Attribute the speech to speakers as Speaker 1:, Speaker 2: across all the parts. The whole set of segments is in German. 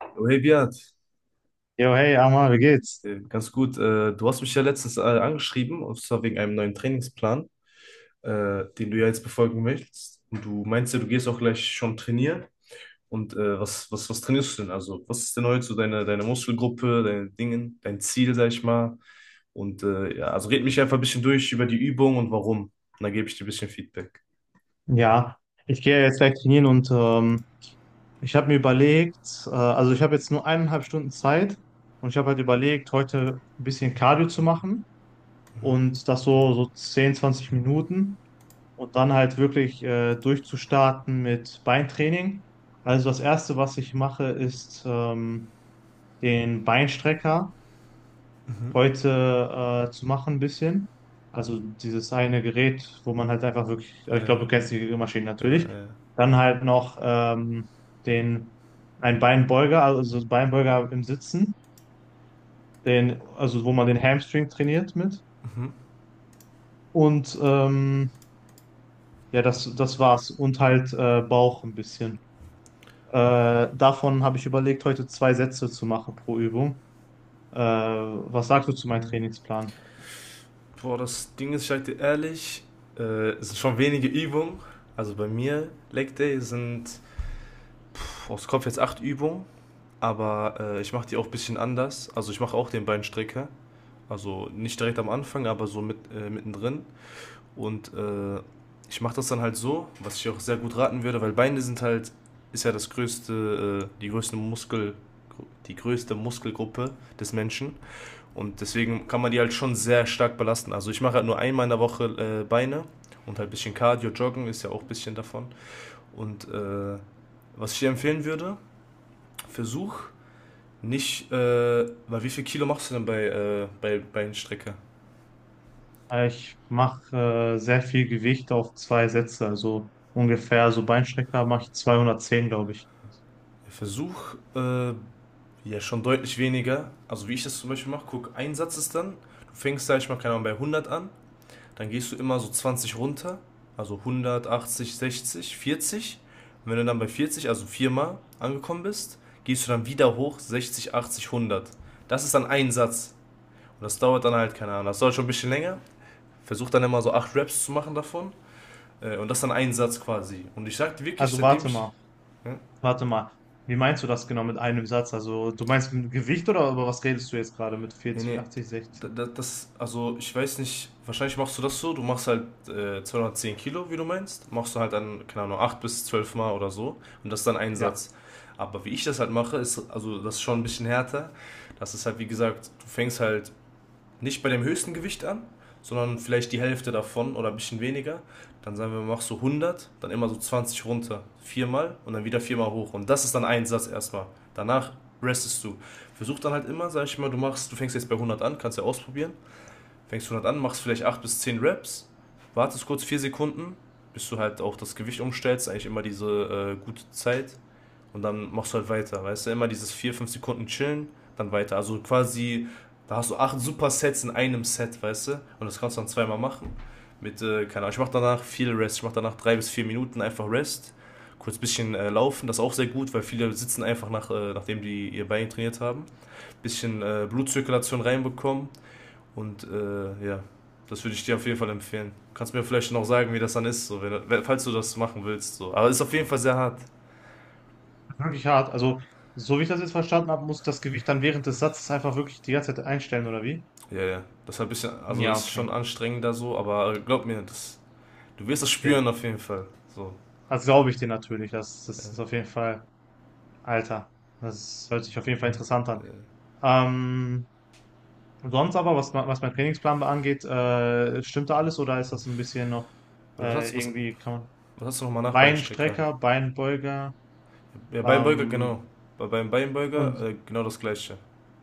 Speaker 1: Oh, hey Beat.
Speaker 2: Jo, hey, Amar, wie geht's?
Speaker 1: Ganz gut. Du hast mich ja letztens angeschrieben, und zwar wegen einem neuen Trainingsplan, den du ja jetzt befolgen möchtest. Und du meinst ja, du gehst auch gleich schon trainieren. Und was trainierst du denn? Also, was ist denn heute so deine Muskelgruppe, deine Dingen, dein Ziel, sag ich mal? Und ja, also red mich einfach ein bisschen durch über die Übung und warum. Und dann gebe ich dir ein bisschen Feedback.
Speaker 2: Ja, ich gehe jetzt gleich trainieren und ich habe mir überlegt, also ich habe jetzt nur eineinhalb Stunden Zeit und ich habe halt überlegt, heute ein bisschen Cardio zu machen,
Speaker 1: Mhm,
Speaker 2: und das so 10, 20 Minuten, und dann halt wirklich durchzustarten mit Beintraining. Also das Erste, was ich mache, ist den Beinstrecker,
Speaker 1: mhm,
Speaker 2: heute zu machen, ein bisschen. Also dieses eine Gerät, wo man halt einfach wirklich, ich glaube,
Speaker 1: äh,
Speaker 2: du kennst die Maschine
Speaker 1: genau,
Speaker 2: natürlich. Dann halt noch den, ein Beinbeuger, also so Beinbeuger im Sitzen, den, also wo man den Hamstring trainiert mit.
Speaker 1: mhm.
Speaker 2: Und ja, das war's. Und halt Bauch ein bisschen. Davon habe ich überlegt, heute zwei Sätze zu machen pro Übung. Was sagst du zu meinem Trainingsplan?
Speaker 1: Boah, das Ding ist, ich sag dir ehrlich, äh, es sind schon wenige Übungen. Also bei mir, Leg Day sind aus Kopf jetzt acht Übungen, aber ich mache die auch ein bisschen anders. Also ich mache auch den Beinstrecker. Also nicht direkt am Anfang, aber so mit, mittendrin. Und ich mache das dann halt so, was ich auch sehr gut raten würde, weil Beine sind halt, ist ja das größte, die größte Muskel, die größte Muskelgruppe des Menschen. Und deswegen kann man die halt schon sehr stark belasten. Also ich mache halt nur einmal in der Woche Beine und halt ein bisschen Cardio, Joggen ist ja auch ein bisschen davon. Und was ich dir empfehlen würde, versuch nicht, weil wie viel Kilo machst du denn bei Beinstrecke?
Speaker 2: Ich mache sehr viel Gewicht auf zwei Sätze, also ungefähr, so Beinstrecker mache ich 210, glaube ich.
Speaker 1: Versuch ja schon deutlich weniger. Also wie ich das zum Beispiel mache, guck, ein Satz ist dann, du fängst, sag ich mal, keine Ahnung, bei 100 an. Dann gehst du immer so 20 runter, also 180, 60, 40. Und wenn du dann bei 40, also viermal angekommen bist, gehst du dann wieder hoch 60, 80, 100. Das ist dann ein Satz. Und das dauert dann halt, keine Ahnung, das dauert schon ein bisschen länger. Versuch dann immer so acht Raps zu machen davon. Und das ist dann ein Satz quasi. Und ich sagte wirklich,
Speaker 2: Also
Speaker 1: seitdem
Speaker 2: warte
Speaker 1: ich.
Speaker 2: mal,
Speaker 1: Ja?
Speaker 2: warte mal. Wie meinst du das genau mit einem Satz? Also du meinst mit Gewicht, oder über was redest du jetzt gerade mit
Speaker 1: Nee,
Speaker 2: 40,
Speaker 1: nee.
Speaker 2: 80, 60?
Speaker 1: Das, also ich weiß nicht, wahrscheinlich machst du das so, du machst halt 210 Kilo, wie du meinst, machst du halt dann, keine Ahnung, 8 bis 12 Mal oder so und das ist dann ein
Speaker 2: Ja,
Speaker 1: Satz. Aber wie ich das halt mache, ist, also das ist schon ein bisschen härter. Das ist halt, wie gesagt, du fängst halt nicht bei dem höchsten Gewicht an, sondern vielleicht die Hälfte davon oder ein bisschen weniger. Dann sagen wir, machst du 100, dann immer so 20 runter, viermal und dann wieder viermal hoch. Und das ist dann ein Satz erstmal. Danach restest du. Versuch dann halt immer, sag ich mal, du machst, du fängst jetzt bei 100 an, kannst ja ausprobieren. Fängst 100 an, machst vielleicht 8 bis 10 Reps, wartest kurz 4 Sekunden, bis du halt auch das Gewicht umstellst, eigentlich immer diese gute Zeit. Und dann machst du halt weiter, weißt du? Immer dieses 4 5 Sekunden chillen, dann weiter. Also quasi, da hast du acht Supersets in einem Set, weißt du? Und das kannst du dann zweimal machen. Mit, keine Ahnung, ich mach danach viel Rest. Ich mach danach 3 bis 4 Minuten einfach Rest. Kurz ein bisschen laufen, das ist auch sehr gut, weil viele sitzen einfach nachdem die ihr Bein trainiert haben. Ein bisschen Blutzirkulation reinbekommen. Und ja, das würde ich dir auf jeden Fall empfehlen. Kannst mir vielleicht noch sagen, wie das dann ist, so, wenn, falls du das machen willst. So. Aber es ist auf jeden Fall sehr hart.
Speaker 2: wirklich hart. Also so wie ich das jetzt verstanden habe, muss das Gewicht dann während des Satzes einfach wirklich die ganze Zeit einstellen, oder wie?
Speaker 1: Ja, ja. Das ist ein bisschen, also
Speaker 2: Ja,
Speaker 1: ist
Speaker 2: okay,
Speaker 1: schon anstrengender so, aber glaub mir, das, du wirst das
Speaker 2: okay.
Speaker 1: spüren auf jeden Fall. So.
Speaker 2: Das glaube ich dir natürlich. Das
Speaker 1: Ja,
Speaker 2: ist auf jeden Fall, Alter, das hört sich auf jeden Fall interessant an.
Speaker 1: ja.
Speaker 2: Ähm, Und sonst aber, was mein Trainingsplan angeht, stimmt da alles, oder ist das ein bisschen noch
Speaker 1: Oder
Speaker 2: irgendwie kann man.
Speaker 1: was hast du nochmal nach Beinstrecker?
Speaker 2: Beinstrecker, Beinbeuger,
Speaker 1: Ja, Beinbeuger,
Speaker 2: ähm,
Speaker 1: genau. Beim Beinbeuger
Speaker 2: und
Speaker 1: genau das gleiche.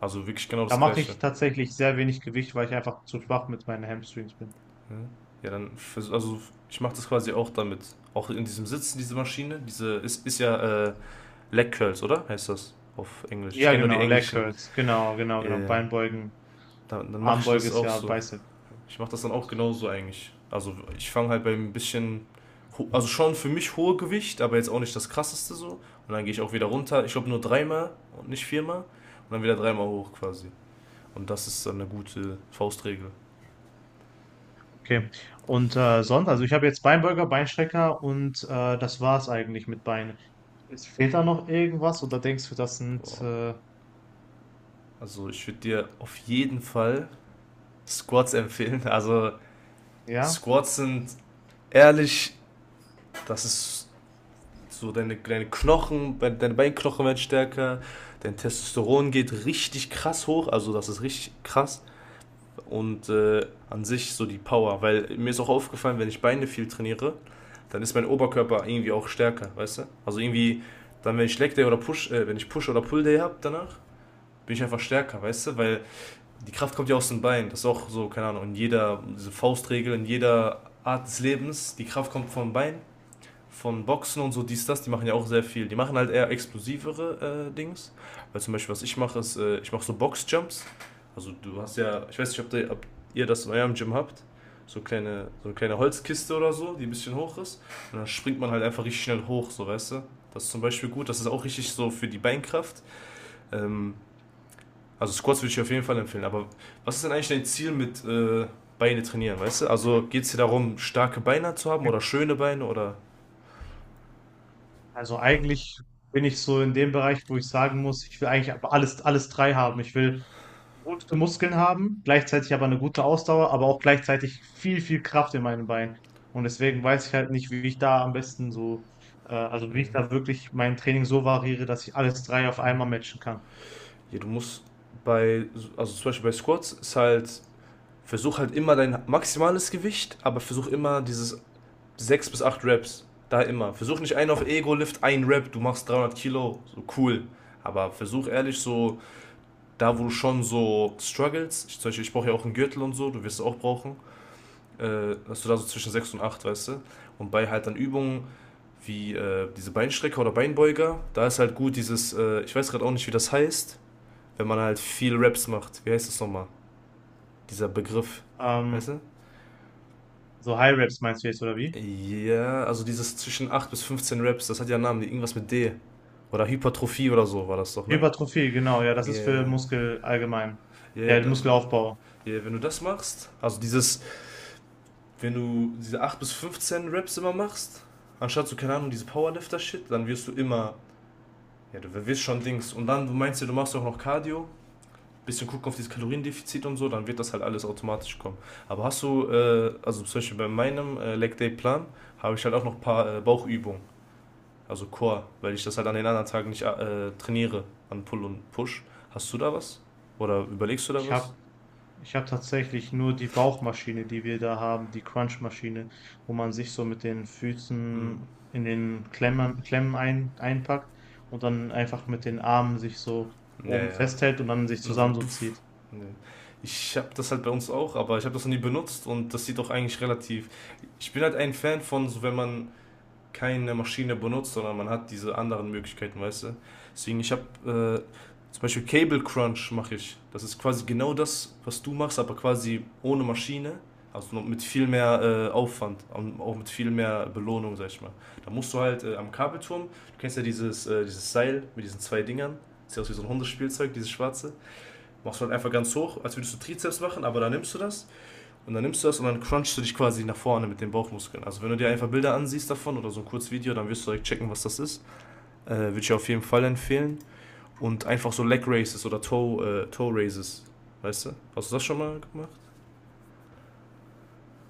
Speaker 1: Also wirklich genau
Speaker 2: da
Speaker 1: das
Speaker 2: mache
Speaker 1: gleiche.
Speaker 2: ich tatsächlich sehr wenig Gewicht, weil ich einfach zu schwach mit meinen Hamstrings bin.
Speaker 1: Ja, ja dann, also ich mache das quasi auch damit. Auch in diesem Sitzen, diese Maschine, diese ist ja Leg Curls, oder? Heißt das auf Englisch? Ich
Speaker 2: Ja,
Speaker 1: kenne nur die
Speaker 2: genau, Leg
Speaker 1: englischen.
Speaker 2: Curls, genau, genau,
Speaker 1: Ja,
Speaker 2: genau,
Speaker 1: ja.
Speaker 2: Beinbeugen,
Speaker 1: Dann mache ich
Speaker 2: Armbeuge
Speaker 1: das
Speaker 2: ist
Speaker 1: auch
Speaker 2: ja
Speaker 1: so.
Speaker 2: Bicep.
Speaker 1: Ich mache das dann auch genauso eigentlich. Also ich fange halt beim bisschen, also schon für mich hohe Gewicht, aber jetzt auch nicht das krasseste so. Und dann gehe ich auch wieder runter. Ich glaube nur dreimal und nicht viermal. Und dann wieder dreimal hoch quasi. Und das ist dann eine gute Faustregel.
Speaker 2: Okay. Und sonst, also ich habe jetzt Beinbeuger, Beinstrecker, und das war's eigentlich mit Beinen. Es fehlt da noch irgendwas, oder denkst du, das sind
Speaker 1: Boah. Also ich würde dir auf jeden Fall Squats empfehlen. Also
Speaker 2: ja?
Speaker 1: Squats sind ehrlich, das ist so deine Knochen, deine Beinknochen werden stärker, dein Testosteron geht richtig krass hoch, also das ist richtig krass. Und an sich so die Power. Weil mir ist auch aufgefallen, wenn ich Beine viel trainiere, dann ist mein Oberkörper irgendwie auch stärker, weißt du? Also irgendwie, dann wenn ich Leg Day oder wenn ich Push oder Pull Day habe danach, bin ich einfach stärker, weißt du? Weil die Kraft kommt ja aus den Beinen. Das ist auch so, keine Ahnung, in jeder, diese Faustregel, in jeder Art des Lebens, die Kraft kommt vom Bein von Boxen und so, dies, das, die machen ja auch sehr viel. Die machen halt eher explosivere Dings. Weil zum Beispiel, was ich mache, ist, ich mache so Boxjumps. Also du hast ja, ich weiß nicht, ob, der, ob ihr das in eurem Gym habt. So, kleine, so eine kleine Holzkiste oder so, die ein bisschen hoch ist. Und dann springt man halt einfach richtig schnell hoch, so weißt du. Das ist zum Beispiel gut, das ist auch richtig so für die Beinkraft. Ähm, also Squats würde ich auf jeden Fall empfehlen. Aber was ist denn eigentlich dein Ziel mit Beine trainieren, weißt du? Also geht es dir darum, starke Beine zu haben oder schöne Beine oder...
Speaker 2: Also eigentlich bin ich so in dem Bereich, wo ich sagen muss, ich will eigentlich aber alles drei haben. Ich will gute Muskeln haben, gleichzeitig aber eine gute Ausdauer, aber auch gleichzeitig viel, viel Kraft in meinen Beinen. Und deswegen weiß ich halt nicht, wie ich da am besten so, also
Speaker 1: äh,
Speaker 2: wie ich da wirklich mein Training so variiere, dass ich alles drei auf einmal matchen kann.
Speaker 1: Ja, du musst bei, also zum Beispiel bei Squats ist halt, versuch halt immer dein maximales Gewicht, aber versuch immer dieses 6 bis 8 Reps. Da immer. Versuch nicht einen auf Ego-Lift, ein Rep, du machst 300 Kilo, so cool. Aber versuch ehrlich so, da wo du schon so struggles, ich, zum Beispiel, ich brauche ja auch einen Gürtel und so, du wirst es auch brauchen, dass du da so zwischen 6 und 8 weißt du? Und bei halt dann Übungen wie diese Beinstrecker oder Beinbeuger, da ist halt gut dieses, ich weiß gerade auch nicht, wie das heißt, wenn man halt viel Raps macht. Wie heißt das nochmal? Dieser Begriff. Weißt
Speaker 2: Ähm,
Speaker 1: du?
Speaker 2: so High Reps meinst du jetzt, oder wie?
Speaker 1: Ja, also dieses zwischen 8 bis 15 Raps, das hat ja einen Namen, irgendwas mit D. Oder Hypertrophie oder so war das doch, ne?
Speaker 2: Hypertrophie, genau, ja, das ist für
Speaker 1: Yeah.
Speaker 2: Muskel allgemein.
Speaker 1: Yeah,
Speaker 2: Ja,
Speaker 1: also
Speaker 2: Muskelaufbau.
Speaker 1: yeah, wenn du das machst, also dieses, wenn du diese 8 bis 15 Raps immer machst, anstatt so, keine Ahnung, diese Powerlifter-Shit, dann wirst du immer, ja, du wirst schon Dings. Und dann, du meinst ja, du machst auch noch Cardio, bisschen gucken auf dieses Kaloriendefizit und so, dann wird das halt alles automatisch kommen. Aber hast du, also zum Beispiel bei meinem Leg Day Plan, habe ich halt auch noch ein paar Bauchübungen, also Core, weil ich das halt an den anderen Tagen nicht trainiere, an Pull und Push. Hast du da was? Oder überlegst du da
Speaker 2: Ich
Speaker 1: was?
Speaker 2: habe Ich habe tatsächlich nur die Bauchmaschine, die wir da haben, die Crunchmaschine, wo man sich so mit den
Speaker 1: Hm.
Speaker 2: Füßen in den Klemmen einpackt und dann einfach mit den Armen sich so
Speaker 1: Ja,
Speaker 2: oben
Speaker 1: ja.
Speaker 2: festhält und dann sich
Speaker 1: Also,
Speaker 2: zusammen so
Speaker 1: duff.
Speaker 2: zieht.
Speaker 1: Nee. Ich habe das halt bei uns auch, aber ich habe das noch nie benutzt und das sieht doch eigentlich relativ. Ich bin halt ein Fan von, so wenn man keine Maschine benutzt, sondern man hat diese anderen Möglichkeiten, weißt du? Deswegen, ich habe zum Beispiel Cable Crunch mache ich. Das ist quasi genau das, was du machst, aber quasi ohne Maschine. Also mit viel mehr Aufwand, und auch mit viel mehr Belohnung, sag ich mal. Da musst du halt am Kabelturm, du kennst ja dieses Seil mit diesen zwei Dingern, sieht aus wie so ein Hundespielzeug, dieses schwarze. Machst du halt einfach ganz hoch, als würdest du Trizeps machen, aber da nimmst du das und dann nimmst du das und dann crunchst du dich quasi nach vorne mit den Bauchmuskeln. Also wenn du dir einfach Bilder ansiehst davon oder so ein kurzes Video, dann wirst du direkt checken, was das ist. Würde ich auf jeden Fall empfehlen. Und einfach so Leg raises oder Toe raises. Weißt du? Hast du das schon mal gemacht?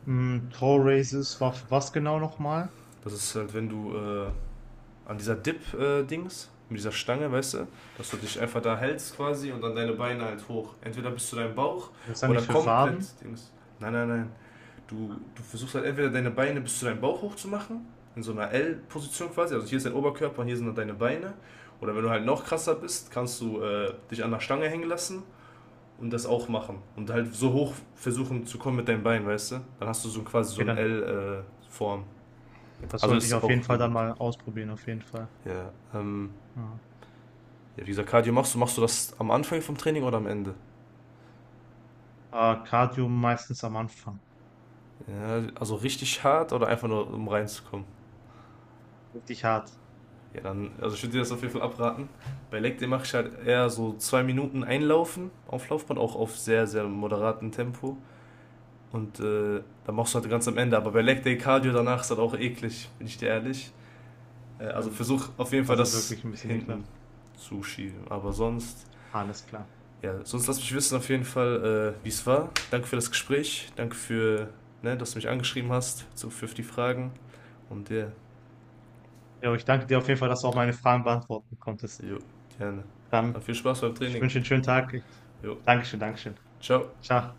Speaker 2: Toe Raises war für was genau nochmal?
Speaker 1: Das ist halt, wenn du an dieser Dip-Dings, mit dieser Stange, weißt du, dass du dich einfach da hältst quasi und dann deine Beine halt hoch. Entweder bis zu deinem Bauch
Speaker 2: Das ist ja
Speaker 1: oder
Speaker 2: nicht für Waden?
Speaker 1: komplett Dings. Nein, nein, nein. Du versuchst halt entweder deine Beine bis zu deinem Bauch hoch zu machen, in so einer L-Position quasi. Also hier ist dein Oberkörper und hier sind dann deine Beine. Oder wenn du halt noch krasser bist, kannst du dich an der Stange hängen lassen und das auch machen. Und halt so hoch versuchen zu kommen mit deinen Beinen, weißt du? Dann hast du so quasi so
Speaker 2: Okay,
Speaker 1: eine
Speaker 2: dann,
Speaker 1: L-Form. Äh,
Speaker 2: das
Speaker 1: also
Speaker 2: sollte ich
Speaker 1: ist
Speaker 2: auf
Speaker 1: auch
Speaker 2: jeden
Speaker 1: sehr
Speaker 2: Fall dann
Speaker 1: gut.
Speaker 2: mal ausprobieren, auf jeden Fall.
Speaker 1: Ja,
Speaker 2: Ja.
Speaker 1: ja, wie gesagt, Cardio machst du das am Anfang vom Training oder am Ende?
Speaker 2: Aber Cardio meistens am Anfang.
Speaker 1: Ja, also richtig hart oder einfach nur um reinzukommen?
Speaker 2: Richtig hart.
Speaker 1: Ja, dann, also ich würde dir das auf jeden Fall abraten. Bei Leg Day mache ich halt eher so 2 Minuten einlaufen auf Laufband, auch auf sehr, sehr moderatem Tempo. Und dann machst du halt ganz am Ende. Aber bei Leg Day Cardio danach ist halt auch eklig, bin ich dir ehrlich. Also
Speaker 2: Stimmt.
Speaker 1: versuch auf jeden Fall
Speaker 2: Das ist
Speaker 1: das
Speaker 2: wirklich ein bisschen
Speaker 1: hinten
Speaker 2: ekelhaft.
Speaker 1: zu schieben. Aber sonst,
Speaker 2: Alles klar.
Speaker 1: ja, sonst lass mich wissen auf jeden Fall, wie es war. Danke für das Gespräch. Danke für, ne, dass du mich angeschrieben hast so für die Fragen. Und ja,
Speaker 2: Jo, ich danke dir auf jeden Fall, dass du auch meine Fragen beantworten konntest.
Speaker 1: jo, gerne. Dann
Speaker 2: Dann,
Speaker 1: viel Spaß beim
Speaker 2: ich
Speaker 1: Training.
Speaker 2: wünsche dir einen schönen Tag.
Speaker 1: Jo,
Speaker 2: Dankeschön, Dankeschön.
Speaker 1: ciao.
Speaker 2: Ciao.